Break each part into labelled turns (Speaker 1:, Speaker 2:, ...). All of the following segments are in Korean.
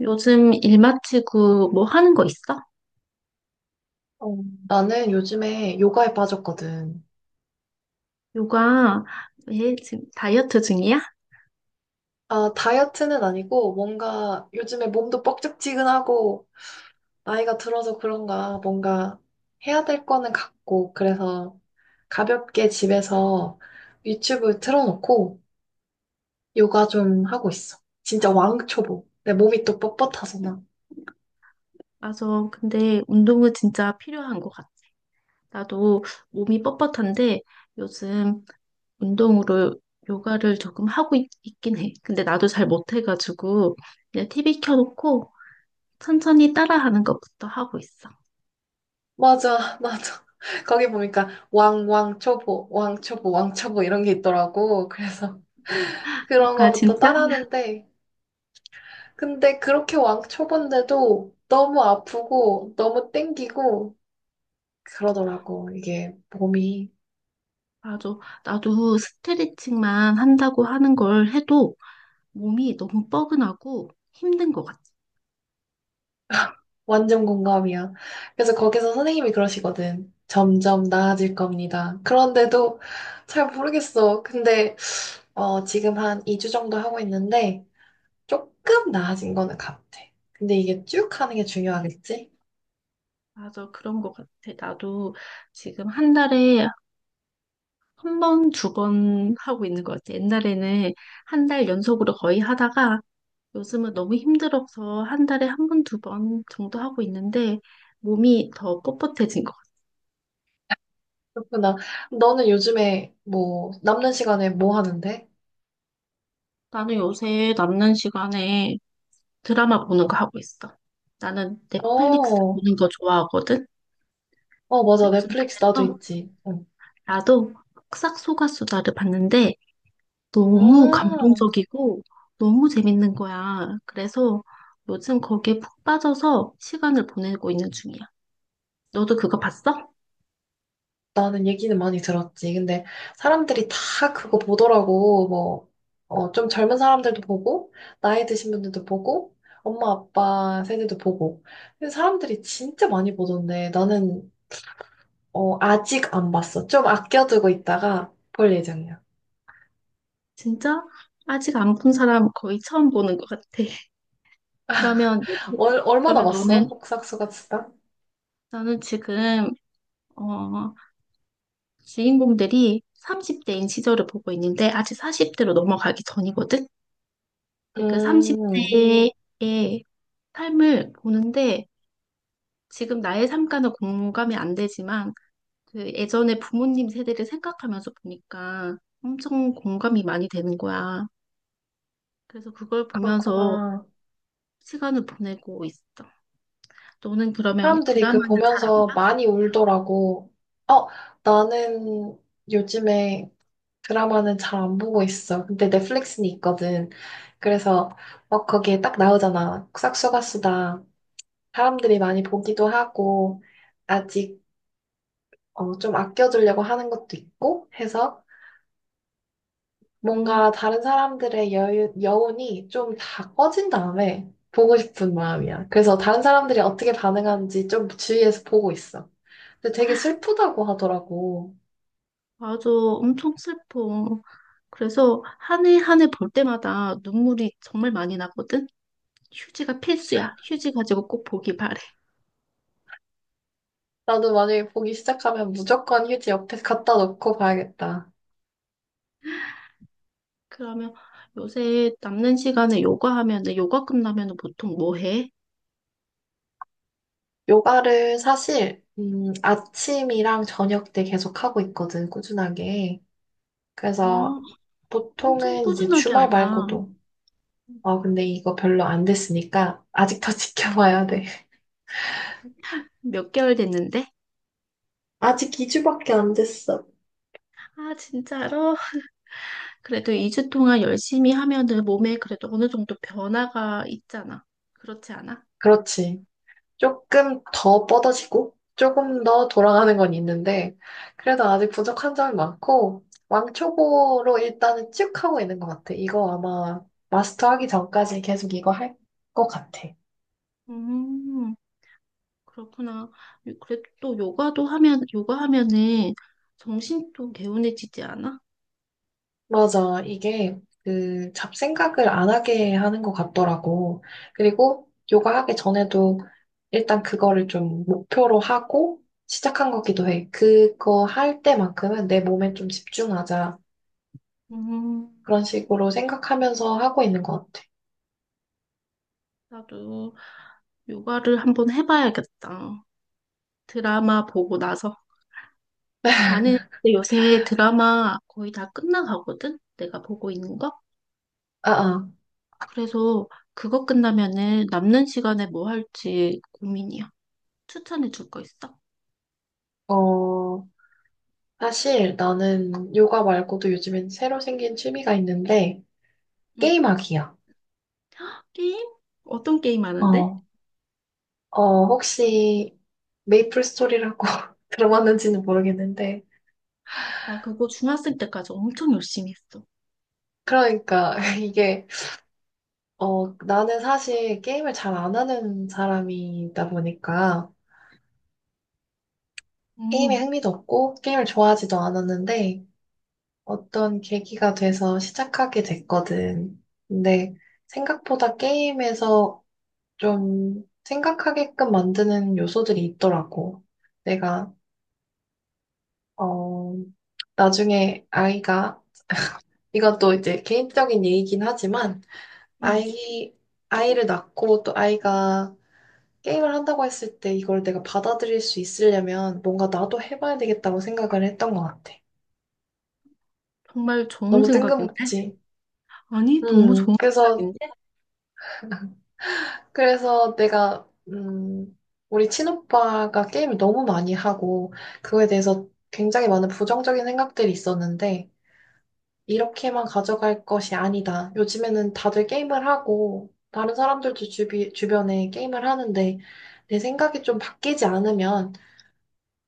Speaker 1: 요즘 일 마치고 뭐 하는 거 있어?
Speaker 2: 어, 나는 요즘에 요가에 빠졌거든.
Speaker 1: 요가. 왜 지금 다이어트 중이야?
Speaker 2: 아, 다이어트는 아니고 뭔가 요즘에 몸도 뻑적지근하고 나이가 들어서 그런가 뭔가 해야 될 거는 같고 그래서 가볍게 집에서 유튜브 틀어놓고 요가 좀 하고 있어. 진짜 왕초보. 내 몸이 또 뻣뻣해서 나.
Speaker 1: 맞아. 근데 운동은 진짜 필요한 것 같아. 나도 몸이 뻣뻣한데 요즘 운동으로 요가를 조금 긴 해. 근데 나도 잘 못해가지고 그냥 TV 켜놓고 천천히 따라하는 것부터 하고 있어.
Speaker 2: 맞아, 맞아. 거기 보니까 왕초보, 왕초보, 왕초보 이런 게 있더라고. 그래서 그런
Speaker 1: 아,
Speaker 2: 거부터
Speaker 1: 진짜?
Speaker 2: 따라하는데 근데 그렇게 왕 쳐본데도 너무 아프고 너무 땡기고 그러더라고. 이게 몸이
Speaker 1: 맞아. 나도 스트레칭만 한다고 하는 걸 해도 몸이 너무 뻐근하고 힘든 것 같아.
Speaker 2: 완전 공감이야. 그래서 거기서 선생님이 그러시거든. 점점 나아질 겁니다. 그런데도 잘 모르겠어. 근데 지금 한 2주 정도 하고 있는데 조금 나아진 거는 같아. 근데 이게 쭉 하는 게 중요하겠지?
Speaker 1: 맞아, 그런 것 같아. 나도 지금 한 달에 한 번, 두 번 하고 있는 것 같아. 옛날에는 한 달 연속으로 거의 하다가 요즘은 너무 힘들어서 한 달에 한 번, 두 번 정도 하고 있는데 몸이 더 뻣뻣해진 것 같아.
Speaker 2: 그렇구나. 너는 요즘에 뭐 남는 시간에 뭐 하는데?
Speaker 1: 나는 요새 남는 시간에 드라마 보는 거 하고 있어. 나는 넷플릭스
Speaker 2: 어,
Speaker 1: 보는 거 좋아하거든.
Speaker 2: 어, 맞아.
Speaker 1: 요즘
Speaker 2: 넷플릭스 나도
Speaker 1: 그래서
Speaker 2: 있지. 응.
Speaker 1: 나도 흑삭소가수다를 봤는데 너무
Speaker 2: 아,
Speaker 1: 감동적이고 너무 재밌는 거야. 그래서 요즘 거기에 푹 빠져서 시간을 보내고 있는 중이야. 너도 그거 봤어?
Speaker 2: 나는 얘기는 많이 들었지. 근데 사람들이 다 그거 보더라고. 뭐, 어, 좀 젊은 사람들도 보고, 나이 드신 분들도 보고, 엄마, 아빠 세대도 보고. 근데 사람들이 진짜 많이 보던데, 나는, 아직 안 봤어. 좀 아껴두고 있다가 볼 예정이야.
Speaker 1: 진짜? 아직 안 본 사람 거의 처음 보는 것 같아. 그러면, 요즘-
Speaker 2: 얼마나
Speaker 1: 그러면
Speaker 2: 봤어? 복싹수가 진짜?
Speaker 1: 나는 지금, 어, 주인공들이 30대인 시절을 보고 있는데 아직 40대로 넘어가기 전이거든? 근데 그
Speaker 2: 음,
Speaker 1: 30대의 삶을 보는데 지금 나의 삶과는 공감이 안 되지만 그 예전에 부모님 세대를 생각하면서 보니까 엄청 공감이 많이 되는 거야. 그래서 그걸 보면서
Speaker 2: 그렇구나.
Speaker 1: 시간을 보내고 있어. 너는 그러면
Speaker 2: 사람들이 그
Speaker 1: 드라마는 잘 안
Speaker 2: 보면서
Speaker 1: 봐?
Speaker 2: 많이 울더라고. 어, 나는 요즘에 드라마는 잘 안 보고 있어. 근데 넷플릭스는 있거든. 그래서 막 거기에 딱 나오잖아. 싹수가 수다. 사람들이 많이 보기도 하고 아직 좀 아껴주려고 하는 것도 있고 해서 뭔가
Speaker 1: 음.
Speaker 2: 다른 사람들의 여유, 여운이 좀 다 꺼진 다음에 보고 싶은 마음이야. 그래서 다른 사람들이 어떻게 반응하는지 좀 주위에서 보고 있어. 근데 되게 슬프다고 하더라고.
Speaker 1: 맞아. 엄청 슬퍼. 그래서 한 해 한 해 볼 때마다 눈물이 정말 많이 나거든? 휴지가 필수야. 휴지 가지고 꼭 보기 바래.
Speaker 2: 나도 만약에 보기 시작하면 무조건 휴지 옆에 갖다 놓고 봐야겠다.
Speaker 1: 그러면 요새 남는 시간에 요가 하면은 요가 끝나면은 보통 뭐 해?
Speaker 2: 요가를 사실, 아침이랑 저녁 때 계속 하고 있거든, 꾸준하게.
Speaker 1: 어,
Speaker 2: 그래서
Speaker 1: 엄청
Speaker 2: 보통은 이제
Speaker 1: 꾸준하게
Speaker 2: 주말
Speaker 1: 한다.
Speaker 2: 말고도, 아 근데 이거 별로 안 됐으니까 아직 더 지켜봐야 돼.
Speaker 1: 몇 개월 됐는데?
Speaker 2: 아직 2주밖에 안 됐어.
Speaker 1: 아, 진짜로? 그래도 2주 동안 열심히 하면은 몸에 그래도 어느 정도 변화가 있잖아. 그렇지 않아?
Speaker 2: 그렇지. 조금 더 뻗어지고, 조금 더 돌아가는 건 있는데, 그래도 아직 부족한 점이 많고, 왕초보로 일단은 쭉 하고 있는 것 같아. 이거 아마 마스터하기 전까지 계속 이거 할 것 같아.
Speaker 1: 음, 그렇구나. 그래도 또 요가도 하면, 요가 하면은 정신도 개운해지지 않아?
Speaker 2: 맞아. 이게 그 잡생각을 안 하게 하는 것 같더라고. 그리고 요가 하기 전에도 일단 그거를 좀 목표로 하고 시작한 거기도 해. 그거 할 때만큼은 내 몸에 좀 집중하자.
Speaker 1: 음,
Speaker 2: 그런 식으로 생각하면서 하고 있는 것 같아.
Speaker 1: 나도 요가를 한번 해봐야겠다. 드라마 보고 나서. 나는 근데 요새 드라마 거의 다 끝나가거든? 내가 보고 있는 거?
Speaker 2: 아,
Speaker 1: 그래서 그거 끝나면은 남는 시간에 뭐 할지 고민이야. 추천해 줄 거 있어?
Speaker 2: 아. 어, 사실 나는 요가 말고도 요즘엔 새로 생긴 취미가 있는데
Speaker 1: 응.
Speaker 2: 게임하기야.
Speaker 1: 게임? 어떤 게임 하는데?
Speaker 2: 어, 혹시 메이플 스토리라고 들어봤는지는 모르겠는데
Speaker 1: 나 그거 중학생 때까지 엄청 열심히 했어.
Speaker 2: 그러니까 이게 나는 사실 게임을 잘 안 하는 사람이다 보니까 게임에
Speaker 1: 응,
Speaker 2: 흥미도 없고 게임을 좋아하지도 않았는데 어떤 계기가 돼서 시작하게 됐거든. 근데 생각보다 게임에서 좀 생각하게끔 만드는 요소들이 있더라고. 내가 어 나중에 아이가 이건 또 이제 개인적인 얘기긴 하지만
Speaker 1: 응.
Speaker 2: 아이 아이를 낳고 또 아이가 게임을 한다고 했을 때 이걸 내가 받아들일 수 있으려면 뭔가 나도 해봐야 되겠다고 생각을 했던 것 같아.
Speaker 1: 정말 좋은
Speaker 2: 너무
Speaker 1: 생각인데?
Speaker 2: 뜬금없지.
Speaker 1: 아니, 너무 좋은
Speaker 2: 그래서,
Speaker 1: 생각인데?
Speaker 2: 그래서 내가, 우리 친오빠가 게임을 너무 많이 하고, 그거에 대해서 굉장히 많은 부정적인 생각들이 있었는데, 이렇게만 가져갈 것이 아니다. 요즘에는 다들 게임을 하고, 다른 사람들도 주변에 게임을 하는데, 내 생각이 좀 바뀌지 않으면,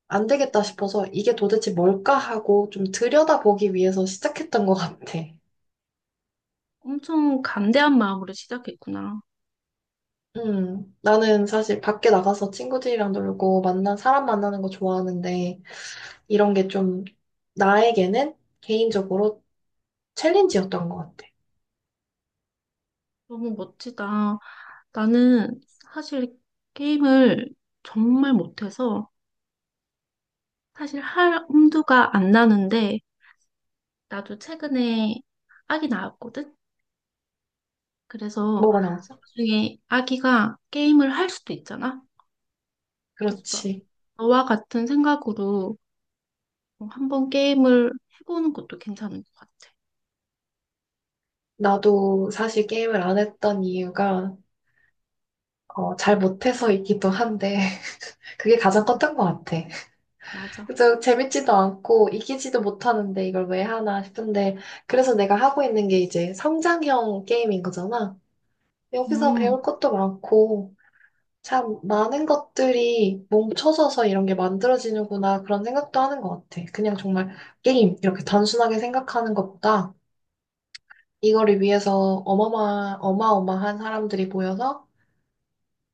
Speaker 2: 안 되겠다 싶어서 이게 도대체 뭘까 하고 좀 들여다보기 위해서 시작했던 것 같아.
Speaker 1: 엄청 간대한 마음으로 시작했구나.
Speaker 2: 나는 사실 밖에 나가서 친구들이랑 놀고 만난 사람 만나는 거 좋아하는데 이런 게 좀 나에게는 개인적으로 챌린지였던 것 같아.
Speaker 1: 너무 멋지다. 나는 사실 게임을 정말 못해서 사실 할 엄두가 안 나는데 나도 최근에 아기 낳았거든? 그래서
Speaker 2: 뭐가 나왔어?
Speaker 1: 나중에 아기가 게임을 할 수도 있잖아? 그래서
Speaker 2: 그렇지.
Speaker 1: 너와 같은 생각으로 한번 게임을 해보는 것도 괜찮은 것 같아.
Speaker 2: 나도 사실 게임을 안 했던 이유가 잘 못해서이기도 한데 그게 가장 컸던 것 같아.
Speaker 1: 맞아.
Speaker 2: 그저 재밌지도 않고 이기지도 못하는데 이걸 왜 하나 싶은데 그래서 내가 하고 있는 게 이제 성장형 게임인 거잖아. 여기서
Speaker 1: 음,
Speaker 2: 배울 것도 많고 참 많은 것들이 뭉쳐져서 이런 게 만들어지는구나 그런 생각도 하는 것 같아. 그냥 정말 게임 이렇게 단순하게 생각하는 것보다 이거를 위해서 어마어마한 사람들이 모여서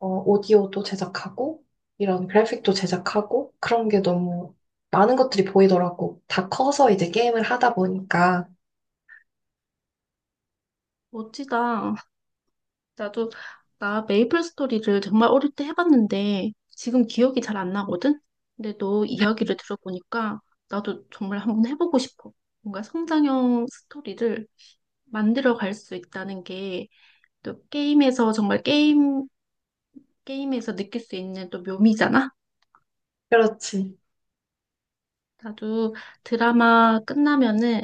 Speaker 2: 오디오도 제작하고, 이런 그래픽도 제작하고, 그런 게 너무 많은 것들이 보이더라고. 다 커서 이제 게임을 하다 보니까.
Speaker 1: 멋지다. 나도 나 메이플 스토리를 정말 어릴 때 해봤는데 지금 기억이 잘 안 나거든? 근데 너 이야기를 들어보니까 나도 정말 한번 해보고 싶어. 뭔가 성장형 스토리를 만들어 갈 수 있다는 게 또 게임에서 게임에서 느낄 수 있는 또 묘미잖아?
Speaker 2: 그렇지.
Speaker 1: 나도 드라마 끝나면은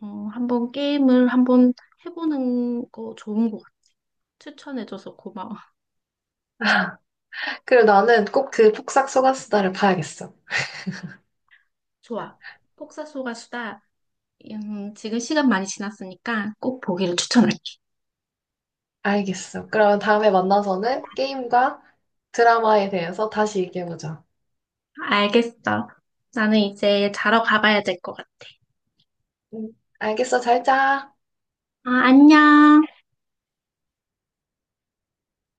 Speaker 1: 한번 게임을 한번 해보는 거 좋은 것 같아. 추천해줘서 고마워.
Speaker 2: 그리고 나는 꼭 그 폭삭 소가수다를 봐야겠어.
Speaker 1: 좋아. 폭삭 속가수다. 지금 시간 많이 지났으니까 꼭 보기를 추천할게.
Speaker 2: 알겠어. 그러면 다음에 만나서는 게임과 드라마에 대해서 다시 얘기해보자.
Speaker 1: 알겠어. 나는 이제 자러 가봐야 될 것 같아.
Speaker 2: 응, 알겠어. 잘 자.
Speaker 1: 아, 안녕.